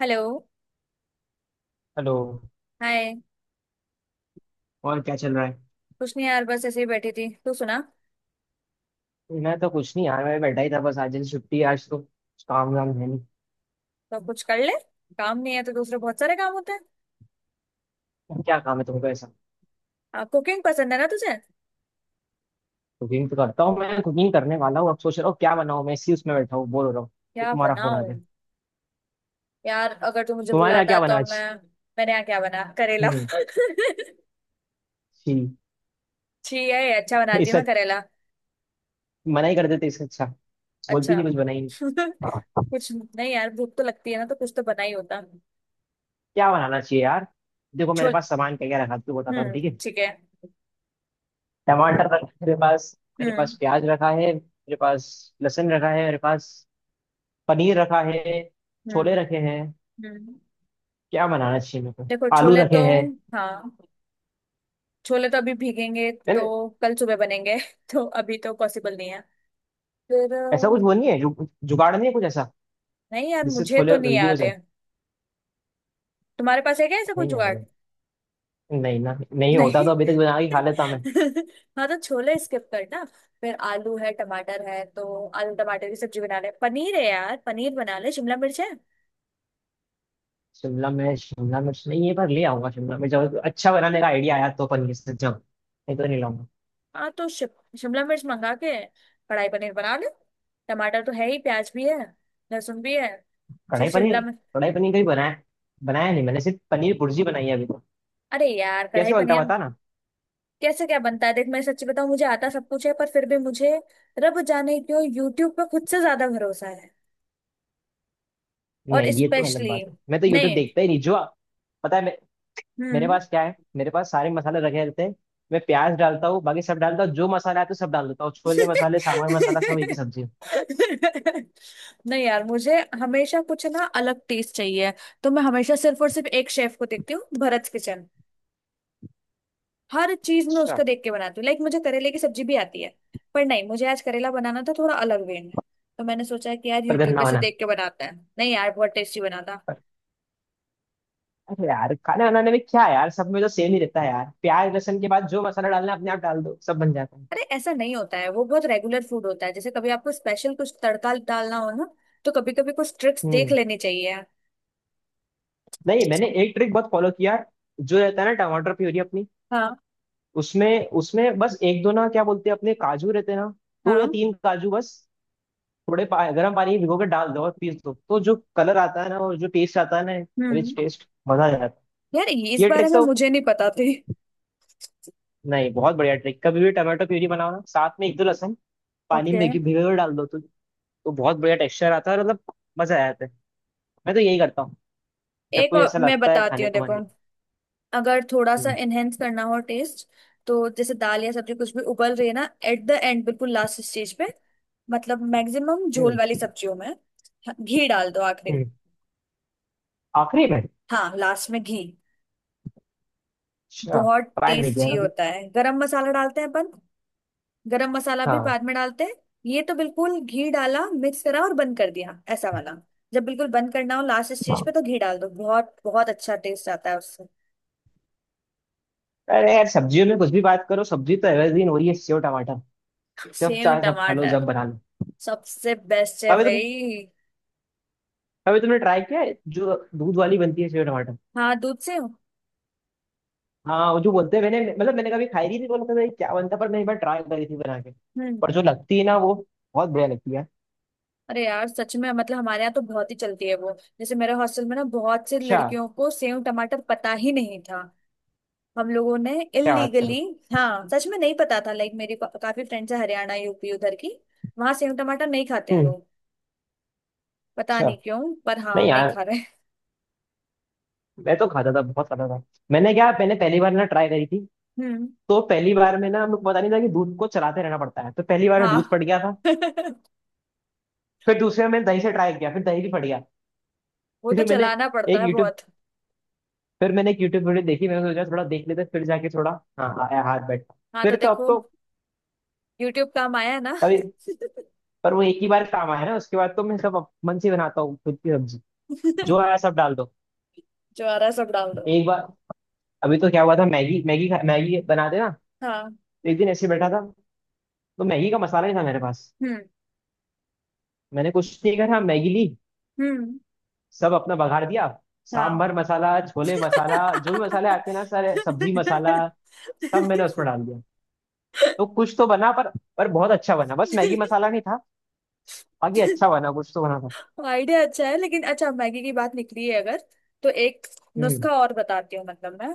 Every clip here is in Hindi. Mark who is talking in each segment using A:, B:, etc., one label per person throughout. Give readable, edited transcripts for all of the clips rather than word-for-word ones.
A: हेलो।
B: हेलो।
A: हाय।
B: और क्या चल रहा है?
A: कुछ नहीं यार, बस ऐसे ही बैठी थी। तू सुना?
B: मैं तो कुछ नहीं यार, मैं बैठा ही था बस। आज जैसे छुट्टी है, आज तो कुछ काम वाम है नहीं।
A: तो कुछ कर ले। काम नहीं है तो दूसरे बहुत सारे काम होते हैं।
B: क्या काम है तुमको ऐसा?
A: कुकिंग पसंद है ना तुझे?
B: कुकिंग तो करता हूँ मैं, कुकिंग करने वाला हूँ अब, सोच रहा हूँ क्या बनाऊँ मैं, इसी उसमें बैठा हूँ, बोर हो रहा हूँ तो
A: क्या
B: तुम्हारा फोन आ
A: बनाऊं?
B: गया।
A: यार अगर तू मुझे
B: तुम्हारे यहाँ
A: बुलाता
B: क्या बना
A: तो मैं।
B: आज?
A: मैंने यहाँ क्या बना, करेला
B: हम्म। छी।
A: छी है? अच्छा बनाती हूँ
B: इससे
A: मैं करेला।
B: मना ही कर देते इससे अच्छा। बोलती
A: अच्छा
B: नहीं, कुछ बनाई नहीं? हाँ,
A: कुछ नहीं यार, भूख तो लगती है ना, तो कुछ तो बना ही होता।
B: क्या बनाना चाहिए यार। देखो मेरे
A: छोल।
B: पास सामान क्या क्या रखा है, तू बताता हूँ
A: हम्म,
B: ठीक है।
A: ठीक है।
B: टमाटर रखा है मेरे पास, मेरे पास
A: हम्म।
B: प्याज रखा है, मेरे पास लहसुन रखा है, मेरे पास पनीर रखा है, छोले
A: हम्म।
B: रखे हैं।
A: हम्म।
B: क्या बनाना चाहिए मेरे को?
A: देखो
B: आलू
A: छोले
B: रखे
A: तो।
B: हैं।
A: हाँ, छोले तो अभी भीगेंगे
B: यार
A: तो कल सुबह बनेंगे तो अभी तो पॉसिबल नहीं है। फिर
B: ऐसा कुछ
A: अ,
B: वो नहीं है जुगाड़ नहीं है कुछ ऐसा
A: नहीं यार,
B: जिससे
A: मुझे तो
B: छोले
A: नहीं
B: जल्दी हो
A: याद
B: जाए।
A: है। तुम्हारे पास है क्या ऐसा कोई
B: नहीं आ
A: जुगाड़?
B: गया, नहीं ना, नहीं होता
A: नहीं।
B: तो अभी तक बना के खा लेता मैं।
A: हाँ तो छोले स्किप करना। फिर आलू है, टमाटर है, तो आलू टमाटर की सब्जी बना ले। पनीर है यार, पनीर बना ले। शिमला मिर्च है?
B: शिमला मिर्च, शिमला मिर्च नहीं, ये बार ले आऊंगा शिमला मिर्च, जब अच्छा बनाने का आइडिया आया तो पनीर से, जब नहीं तो नहीं लाऊंगा।
A: हाँ तो शिमला मिर्च मंगा के कढ़ाई पनीर बना ले। टमाटर तो है ही, प्याज भी है। लहसुन भी है।
B: कढ़ाई
A: सिर्फ
B: पनीर।
A: शिमला मिर्च।
B: कढ़ाई पनीर कभी बनाया? बनाया नहीं मैंने, सिर्फ पनीर भुर्जी बनाई है अभी तो।
A: अरे यार कढ़ाई
B: कैसे बनता है
A: पनीर।
B: बता ना।
A: कैसे क्या बनता है, देख मैं सच्ची बताऊं, मुझे आता सब कुछ है, पर फिर भी मुझे रब जाने क्यों यूट्यूब पे खुद से ज्यादा भरोसा है। और
B: नहीं ये तो अलग
A: स्पेशली
B: बात है, मैं तो यूट्यूब
A: नहीं।
B: देखता ही नहीं। जो पता है मैं, मेरे
A: हम्म।
B: पास क्या है, मेरे पास सारे मसाले रखे रहते हैं। मैं प्याज डालता हूँ, बाकी सब डालता हूँ, जो मसाला आता है तो सब डाल देता हूँ, छोले मसाले, सामान मसाला, सब एक ही सब्जी है।
A: नहीं यार, मुझे हमेशा कुछ ना अलग टेस्ट चाहिए। तो मैं हमेशा सिर्फ और सिर्फ एक शेफ को देखती हूँ, भरत किचन। हर चीज में
B: अच्छा।
A: उसका देख के बनाती हूँ। लाइक मुझे करेले की सब्जी भी आती है, पर नहीं, मुझे आज करेला बनाना था थोड़ा अलग वे में। तो मैंने सोचा कि यार
B: पर
A: यूट्यूब
B: गंदा
A: पे से
B: बना।
A: देख के बनाते हैं। नहीं यार, बहुत टेस्टी बना था।
B: अरे यार खाना बनाने में क्या है यार, सब में तो सेम ही रहता है यार, प्याज लहसुन के बाद जो मसाला डालना है अपने आप डाल दो, सब बन जाता है।
A: अरे ऐसा नहीं होता है, वो बहुत रेगुलर फूड होता है। जैसे कभी आपको स्पेशल कुछ तड़का डालना हो ना, तो कभी कभी कुछ ट्रिक्स देख
B: हम्म।
A: लेनी चाहिए।
B: नहीं, मैंने एक ट्रिक बहुत फॉलो किया है, जो रहता है ना टमाटर प्यूरी अपनी,
A: हाँ।
B: उसमें उसमें बस एक दो, ना क्या बोलते हैं अपने, काजू रहते हैं ना, दो
A: हाँ।
B: या
A: हम्म।
B: तीन काजू बस, थोड़े गर्म पानी में भिगो के डाल दो और पीस दो, तो जो कलर आता है ना और जो टेस्ट आता है ना, रिच
A: हम्म।
B: टेस्ट, मजा आ जाता है।
A: यार ये इस
B: ये
A: बारे
B: ट्रिक
A: में
B: तो
A: मुझे नहीं पता थी।
B: नहीं, बहुत बढ़िया ट्रिक। कभी भी टमाटो प्यूरी बनाओ ना, साथ में एक दो लहसुन, पानी में
A: ओके।
B: भिगो भिगो के डाल दो तो बहुत बढ़िया टेक्सचर आता है और मतलब मजा आ जाता है। मैं तो यही करता हूँ जब
A: एक
B: कोई
A: और
B: ऐसा
A: मैं
B: लगता है,
A: बताती
B: खाने
A: हूँ,
B: को
A: देखो।
B: मन नहीं।
A: अगर थोड़ा सा
B: हम्म।
A: एनहेंस करना हो टेस्ट, तो जैसे दाल या सब्जी कुछ भी उबल रही है ना, एट द एंड, बिल्कुल लास्ट स्टेज पे, मतलब मैक्सिमम झोल
B: हम्म।
A: वाली सब्जियों में, हाँ, घी डाल दो आखिरी में।
B: हम्म। आखिरी में।
A: हाँ, लास्ट में घी
B: अच्छा।
A: बहुत
B: ट्राई नहीं किया
A: टेस्टी
B: कभी।
A: होता है। गरम मसाला डालते हैं अपन। गरम मसाला भी
B: हाँ।
A: बाद में डालते हैं। ये तो बिल्कुल घी डाला, मिक्स करा और बंद कर दिया, ऐसा वाला। जब बिल्कुल बंद करना हो लास्ट स्टेज पे, तो घी डाल दो, बहुत बहुत अच्छा टेस्ट आता है उससे।
B: अरे यार, सब्जियों में कुछ भी बात करो, सब्जी तो एवरग्रीन हो रही है सेव टमाटर। जब
A: सेव
B: चाहे जब खा लो
A: टमाटर।
B: जब बना लो।
A: सबसे बेस्ट है
B: कभी तुम,
A: भाई।
B: कभी तुमने ट्राई किया है जो दूध वाली बनती है, सेव टमाटर?
A: हाँ, दूध सेव।
B: हाँ वो जो बोलते हैं, मैंने मतलब मैंने कभी खाई नहीं थी तो लगता था ये क्या बनता है, पर मैं एक बार ट्राई करी थी बना के।
A: हम्म।
B: पर जो लगती है ना वो बहुत बढ़िया लगती है।
A: अरे यार सच में, मतलब हमारे यहाँ तो बहुत ही चलती है वो। जैसे मेरे हॉस्टल में ना बहुत से
B: अच्छा।
A: लड़कियों को सेव टमाटर पता ही नहीं था। हम लोगों ने
B: क्या बात करो।
A: इलीगली। हाँ सच में नहीं पता था। लाइक मेरी काफी फ्रेंड्स है हरियाणा यूपी उधर की। वहां सेव टमाटर नहीं खाते हैं
B: हम्म।
A: लोग। पता
B: अच्छा।
A: नहीं क्यों। पर हाँ,
B: नहीं
A: हम नहीं
B: यार,
A: खा रहे।
B: मैं तो खाता था, बहुत खाता था। मैंने क्या, मैंने पहली बार ना ट्राई करी थी,
A: हम्म।
B: तो पहली बार में ना हम लोग को पता नहीं था कि दूध को चलाते रहना पड़ता है, तो पहली बार में दूध
A: हाँ।
B: फट गया था। फिर दूसरे में मैंने दही से ट्राई किया, फिर दही भी फट गया।
A: वो तो
B: फिर मैंने
A: चलाना पड़ता
B: एक
A: है
B: यूट्यूब
A: बहुत।
B: फिर मैंने एक यूट्यूब वीडियो देखी, मैंने सोचा थोड़ा देख लेते हैं, फिर जाके थोड़ा हाँ आया, हाथ बैठ।
A: हाँ तो
B: फिर तो अब
A: देखो,
B: तो
A: यूट्यूब काम आया है ना।
B: कभी, पर वो एक ही बार काम आया ना, उसके बाद तो मैं सब मन से बनाता हूँ, खुद की सब्जी, जो आया सब डाल दो।
A: जो आ रहा है सब डाल दो।
B: एक बार, अभी तो क्या हुआ था, मैगी मैगी खा- मैगी बनाते ना,
A: हाँ।
B: तो एक दिन ऐसे बैठा था, तो मैगी का मसाला नहीं था मेरे पास।
A: हम्म।
B: मैंने कुछ नहीं करा, मैगी ली,
A: हम्म।
B: सब अपना बघार दिया,
A: हाँ।
B: सांभर मसाला, छोले मसाला, जो भी मसाले आते हैं ना सारे, सब्जी मसाला, सब मैंने उसमें डाल दिया। तो कुछ तो बना, पर बहुत अच्छा बना, बस मैगी मसाला नहीं था, बाकी अच्छा बना, कुछ तो बना था।
A: आइडिया अच्छा है लेकिन। अच्छा, मैगी की बात निकली है, अगर तो एक
B: हम्म।
A: नुस्खा और बताती हूँ। मतलब मैं,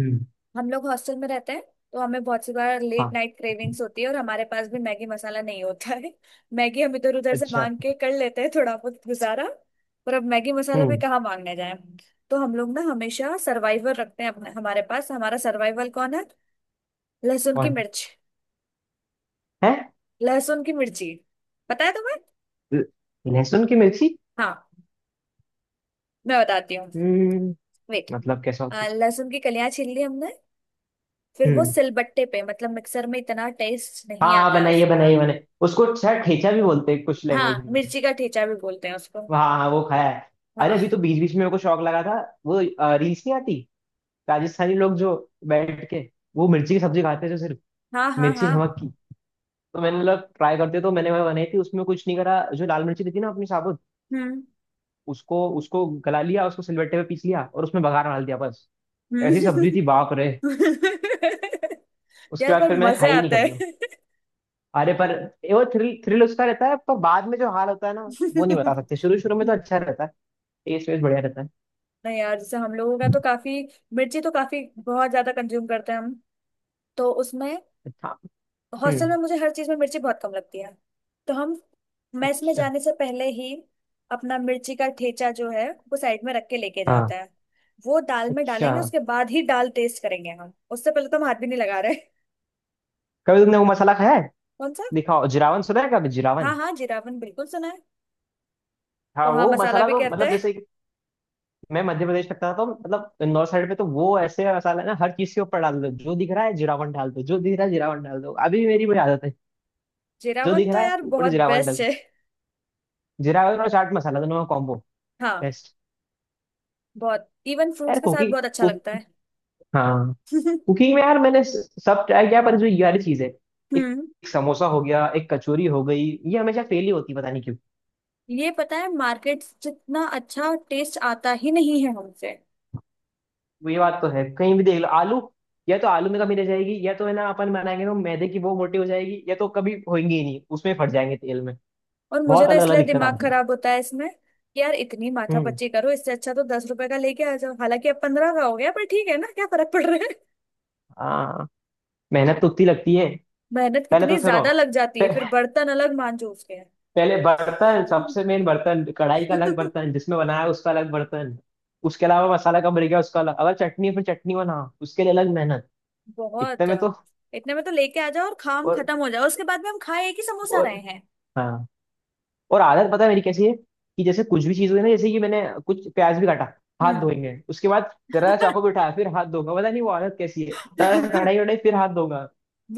B: हम्म।
A: हम लोग हॉस्टल में रहते हैं, तो हमें बहुत सी बार लेट
B: हाँ।
A: नाइट क्रेविंग्स होती है, और हमारे पास भी मैगी मसाला नहीं होता है मैगी हम इधर उधर से
B: अच्छा।
A: मांग के कर लेते हैं थोड़ा बहुत गुजारा। पर अब मैगी मसाला भी
B: हम्म।
A: कहाँ मांगने जाए। तो हम लोग ना हमेशा सर्वाइवर रखते हैं अपने। हमारे पास हमारा सर्वाइवल कौन है? लहसुन की
B: कौन
A: मिर्च।
B: है?
A: लहसुन की मिर्ची। पता है तुम्हें?
B: ल- लहसुन की मिर्ची।
A: हाँ मैं बताती हूँ।
B: हम्म।
A: वेट।
B: मतलब कैसा होती?
A: लहसुन की कलियां छील ली हमने। फिर वो
B: हम्म।
A: सिलबट्टे पे, मतलब मिक्सर में इतना टेस्ट
B: हाँ
A: नहीं
B: हाँ,
A: आता है
B: बनाइए
A: उसका।
B: बनाइए, मैंने उसको शायद ठेचा भी बोलते हैं कुछ लैंग्वेज
A: हाँ,
B: में।
A: मिर्ची का ठेचा भी बोलते हैं उसको।
B: हाँ हाँ, वो खाया है। अरे अभी
A: हाँ
B: तो बीच बीच में मेरे को शौक लगा था, वो रील्स नहीं आती, राजस्थानी लोग जो बैठ के वो मिर्ची की सब्जी खाते हैं, जो सिर्फ
A: हाँ हाँ।
B: मिर्ची नमक
A: हाँ।
B: की। तो मैंने मतलब ट्राई करते, तो मैंने वह बनाई थी, उसमें कुछ नहीं करा, जो लाल मिर्ची थी ना अपनी साबुत,
A: हम्म।
B: उसको उसको गला लिया, उसको सिलबट्टे पे पीस लिया और उसमें बघार डाल दिया बस। ऐसी
A: हम्म।
B: सब्जी थी बाप रे। उसके
A: यार
B: बाद
A: पर
B: फिर मैंने
A: मजे
B: खाई ही नहीं
A: आता
B: कभी।
A: है
B: अरे पर, ये वो थ्रिल थ्रिल उसका रहता है, पर बाद में जो हाल होता है ना, वो नहीं बता सकते। शुरू शुरू में तो अच्छा रहता है, टेस्ट वेस्ट बढ़िया रहता है।
A: नहीं यार, जैसे हम लोगों का तो काफी, मिर्ची तो काफी बहुत ज्यादा कंज्यूम करते हैं हम। तो उसमें
B: अच्छा।
A: हॉस्टल
B: हम्म।
A: में मुझे हर चीज में मिर्ची बहुत कम लगती है। तो हम मेस में
B: अच्छा।
A: जाने से पहले ही अपना मिर्ची का ठेचा जो है वो साइड में रख के लेके जाता
B: हाँ।
A: है। वो दाल में
B: अच्छा।
A: डालेंगे, उसके बाद ही दाल टेस्ट करेंगे हम, उससे पहले तो हम हाथ भी नहीं लगा रहे
B: कभी तुमने वो मसाला खाया है,
A: कौन सा?
B: दिखाओ, जिरावन सुना है कभी, जिरावन?
A: हाँ हाँ, जीरावन बिल्कुल सुना है।
B: हाँ,
A: पोहा
B: वो
A: मसाला
B: मसाला
A: भी
B: तो
A: कहते
B: मतलब
A: हैं।
B: जैसे कि, मैं मध्य प्रदेश में था, तो मतलब नॉर्थ साइड में, तो वो ऐसे मसाला है ना, हर चीज के ऊपर डाल दो, जो दिख रहा है जिरावन डाल दो, जो दिख रहा है जिरावन डाल दो, अभी भी मेरी वही आदत है,
A: जीरा
B: जो
A: वन
B: दिख
A: तो
B: रहा है
A: यार
B: ऊपर
A: बहुत
B: जिरावन डाल
A: बेस्ट
B: दो।
A: है।
B: जिरावन और चाट मसाला दोनों का कॉम्बो
A: हाँ,
B: बेस्ट।
A: बहुत। इवन फ्रूट्स
B: यार,
A: के साथ
B: कुकी
A: बहुत अच्छा
B: कुक
A: लगता है।
B: हाँ, कुकिंग में यार मैंने सब ट्राई किया, पर जो ये वाली चीज है, एक,
A: हम्म।
B: एक समोसा हो गया, एक कचौरी हो गई, ये हमेशा फेल ही होती है, पता नहीं क्यों।
A: ये पता है, मार्केट जितना अच्छा टेस्ट आता ही नहीं है हमसे।
B: वो ये बात तो है, कहीं भी देख लो आलू, या तो आलू में कमी रह जाएगी, या तो है ना अपन बनाएंगे तो मैदे की वो मोटी हो जाएगी, या तो कभी होंगी ही नहीं, उसमें फट जाएंगे तेल में।
A: और मुझे
B: बहुत
A: तो
B: अलग अलग
A: इसलिए
B: दिक्कत
A: दिमाग
B: आती है।
A: खराब होता है इसमें, कि यार इतनी
B: हम्म।
A: माथापच्ची करो, इससे अच्छा तो 10 रुपए का लेके आ जाओ। हालांकि अब 15 का हो गया, पर ठीक है ना, क्या फर्क पड़ रहा है
B: हाँ। मेहनत तो उतनी लगती है।
A: मेहनत
B: पहले
A: कितनी
B: तो सुनो,
A: ज्यादा लग जाती है,
B: पे-
A: फिर बर्तन अलग मांजो उसके।
B: पहले बर्तन, सबसे मेन बर्तन कढ़ाई का, अलग बर्तन जिसमें बनाया उसका, अलग बर्तन उसके अलावा मसाला कब रह गया उसका अलग, अगर चटनी है, फिर चटनी बना उसके लिए अलग मेहनत। इतने
A: बहुत।
B: में तो।
A: इतने में तो लेके आ जाओ और काम
B: और
A: खत्म हो जाओ, उसके बाद में हम खाए एक ही समोसा
B: और
A: रहे।
B: हाँ, और आदत पता है मेरी कैसी है, कि जैसे कुछ भी चीज हुई ना, जैसे कि मैंने कुछ प्याज भी काटा, हाथ
A: हम्म।
B: धोएंगे, उसके बाद जरा चाकू भी उठाया फिर हाथ धोगा, पता नहीं वो आदत कैसी है। सारा कढ़ाई वढ़ाई फिर हाथ धोगा,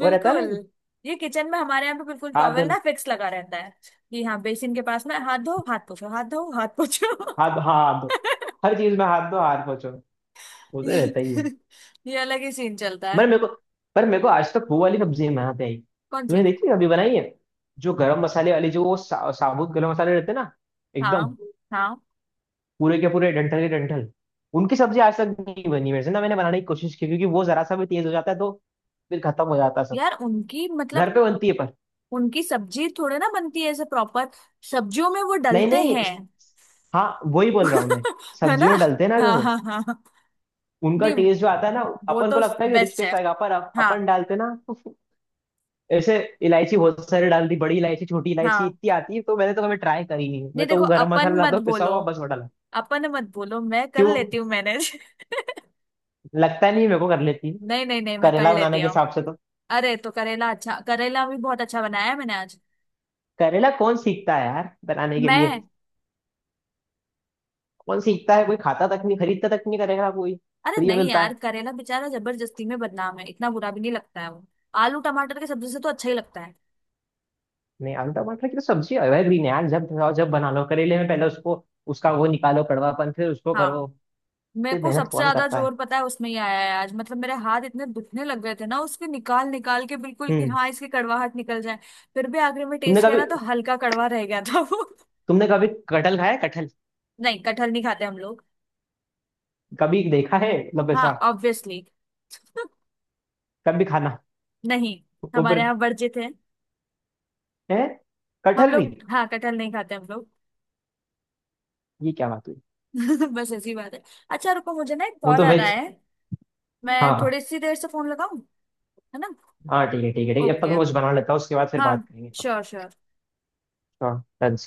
B: वो रहता है ना।
A: ये किचन में हमारे यहाँ पे बिल्कुल
B: हाथ
A: टॉवेल
B: धोने।
A: ना फिक्स लगा रहता है, कि हाँ बेसिन के पास में, हाथ धो हाथ पोछो, हाथ धो हाथ पोछो।
B: हाथ, हाँ, हाथ धो, हर चीज में हाथ धो हाथ पोछो। वो तो रहता ही है।
A: ये अलग ही सीन चलता
B: पर
A: है।
B: मेरे को पर मेरे को आज तक वो वाली सब्जी नहीं बनाते आई,
A: कौन सी?
B: तुमने देखी है, अभी बनाई है। जो गरम मसाले वाली, जो वो साबुत गरम मसाले रहते हैं ना, एकदम,
A: हाँ हाँ।
B: पूरे के पूरे, डंठल के डंठल। उनकी सब्जी आज तक नहीं बनी मेरे से ना, मैंने बनाने की कोशिश की, क्योंकि वो जरा सा भी तेज हो जाता है तो फिर खत्म हो जाता है सब,
A: यार उनकी मतलब,
B: घर पे बनती है पर।
A: उनकी सब्जी थोड़े ना बनती है ऐसे प्रॉपर, सब्जियों में वो
B: नहीं
A: डलते
B: नहीं,
A: हैं।
B: हाँ वही बोल रहा हूँ मैं।
A: है ना।
B: सब्जियों में डालते हैं ना
A: हाँ
B: वो,
A: हाँ हाँ।
B: उनका
A: नहीं,
B: टेस्ट जो आता है ना,
A: वो
B: अपन को
A: तो
B: लगता है कि रिच
A: बेस्ट
B: टेस्ट
A: है।
B: आएगा, पर
A: हाँ।
B: अपन डालते ना तो ऐसे इलायची बहुत सारी डाल दी, बड़ी इलायची, छोटी इलायची,
A: हाँ,
B: इतनी आती है, तो मैंने तो कभी ट्राई करी नहीं,
A: नहीं
B: मैं तो
A: देखो
B: वो गरम
A: अपन
B: मसाला लाता
A: मत
B: हूँ पिसा
A: बोलो।
B: हुआ, बस वो डाला।
A: अपन मत बोलो, मैं कर
B: क्यों?
A: लेती हूँ मैनेज।
B: लगता नहीं मेरे को कर लेती।
A: नहीं नहीं नहीं, मैं कर
B: करेला बनाने
A: लेती
B: के
A: हूँ।
B: हिसाब से तो,
A: अरे तो करेला, अच्छा करेला भी बहुत अच्छा बनाया है मैंने आज।
B: करेला कौन सीखता है यार बनाने के लिए?
A: मैं।
B: कौन सीखता है, कोई खाता तक नहीं, खरीदता तक नहीं करेगा कोई,
A: अरे
B: फ्री में
A: नहीं
B: मिलता
A: यार,
B: है।
A: करेला बेचारा जबरदस्ती में बदनाम है, इतना बुरा भी नहीं लगता है वो। आलू टमाटर की सब्जी से तो अच्छा ही लगता है।
B: नहीं, आलू टमाटर की तो सब्जी एवरग्रीन है यार, जब खाओ जब बना लो। करेले में पहले उसको, उसका वो निकालो कड़वापन, फिर उसको
A: हाँ।
B: करो।
A: मेरे
B: इतनी
A: को
B: मेहनत
A: सबसे
B: कौन
A: ज्यादा
B: करता है।
A: जोर पता है उसमें ही आया है आज, मतलब मेरे हाथ इतने दुखने लग गए थे ना उसके निकाल निकाल के, बिल्कुल कि
B: हम्म।
A: हाँ इसकी कड़वाहट निकल जाए। फिर भी आखिर में
B: तुमने
A: टेस्ट किया
B: कभी
A: ना तो हल्का कड़वा रह गया था वो।
B: तुमने कभी कटहल खाया है? कटहल
A: नहीं, कटहल नहीं खाते हम लोग।
B: कभी देखा है मतलब
A: हाँ
B: ऐसा?
A: ऑब्वियसली।
B: कभी खाना?
A: नहीं, हमारे
B: ऊपर
A: यहाँ वर्जित है।
B: है
A: हम
B: कटहल भी?
A: लोग, हाँ, कटहल नहीं खाते हम लोग।
B: ये क्या बात हुई।
A: बस ऐसी बात है। अच्छा रुको, मुझे ना एक
B: वो
A: कॉल
B: तो
A: आ रहा
B: वेज।
A: है। मैं
B: हाँ,
A: थोड़ी सी देर से फोन लगाऊं, है ना?
B: हाँ ठीक है ठीक है ठीक है, अब तक
A: ओके।
B: मैं कुछ बना लेता हूँ, उसके बाद फिर
A: हाँ।
B: बात करेंगे।
A: Sure sure.
B: हाँ। डन।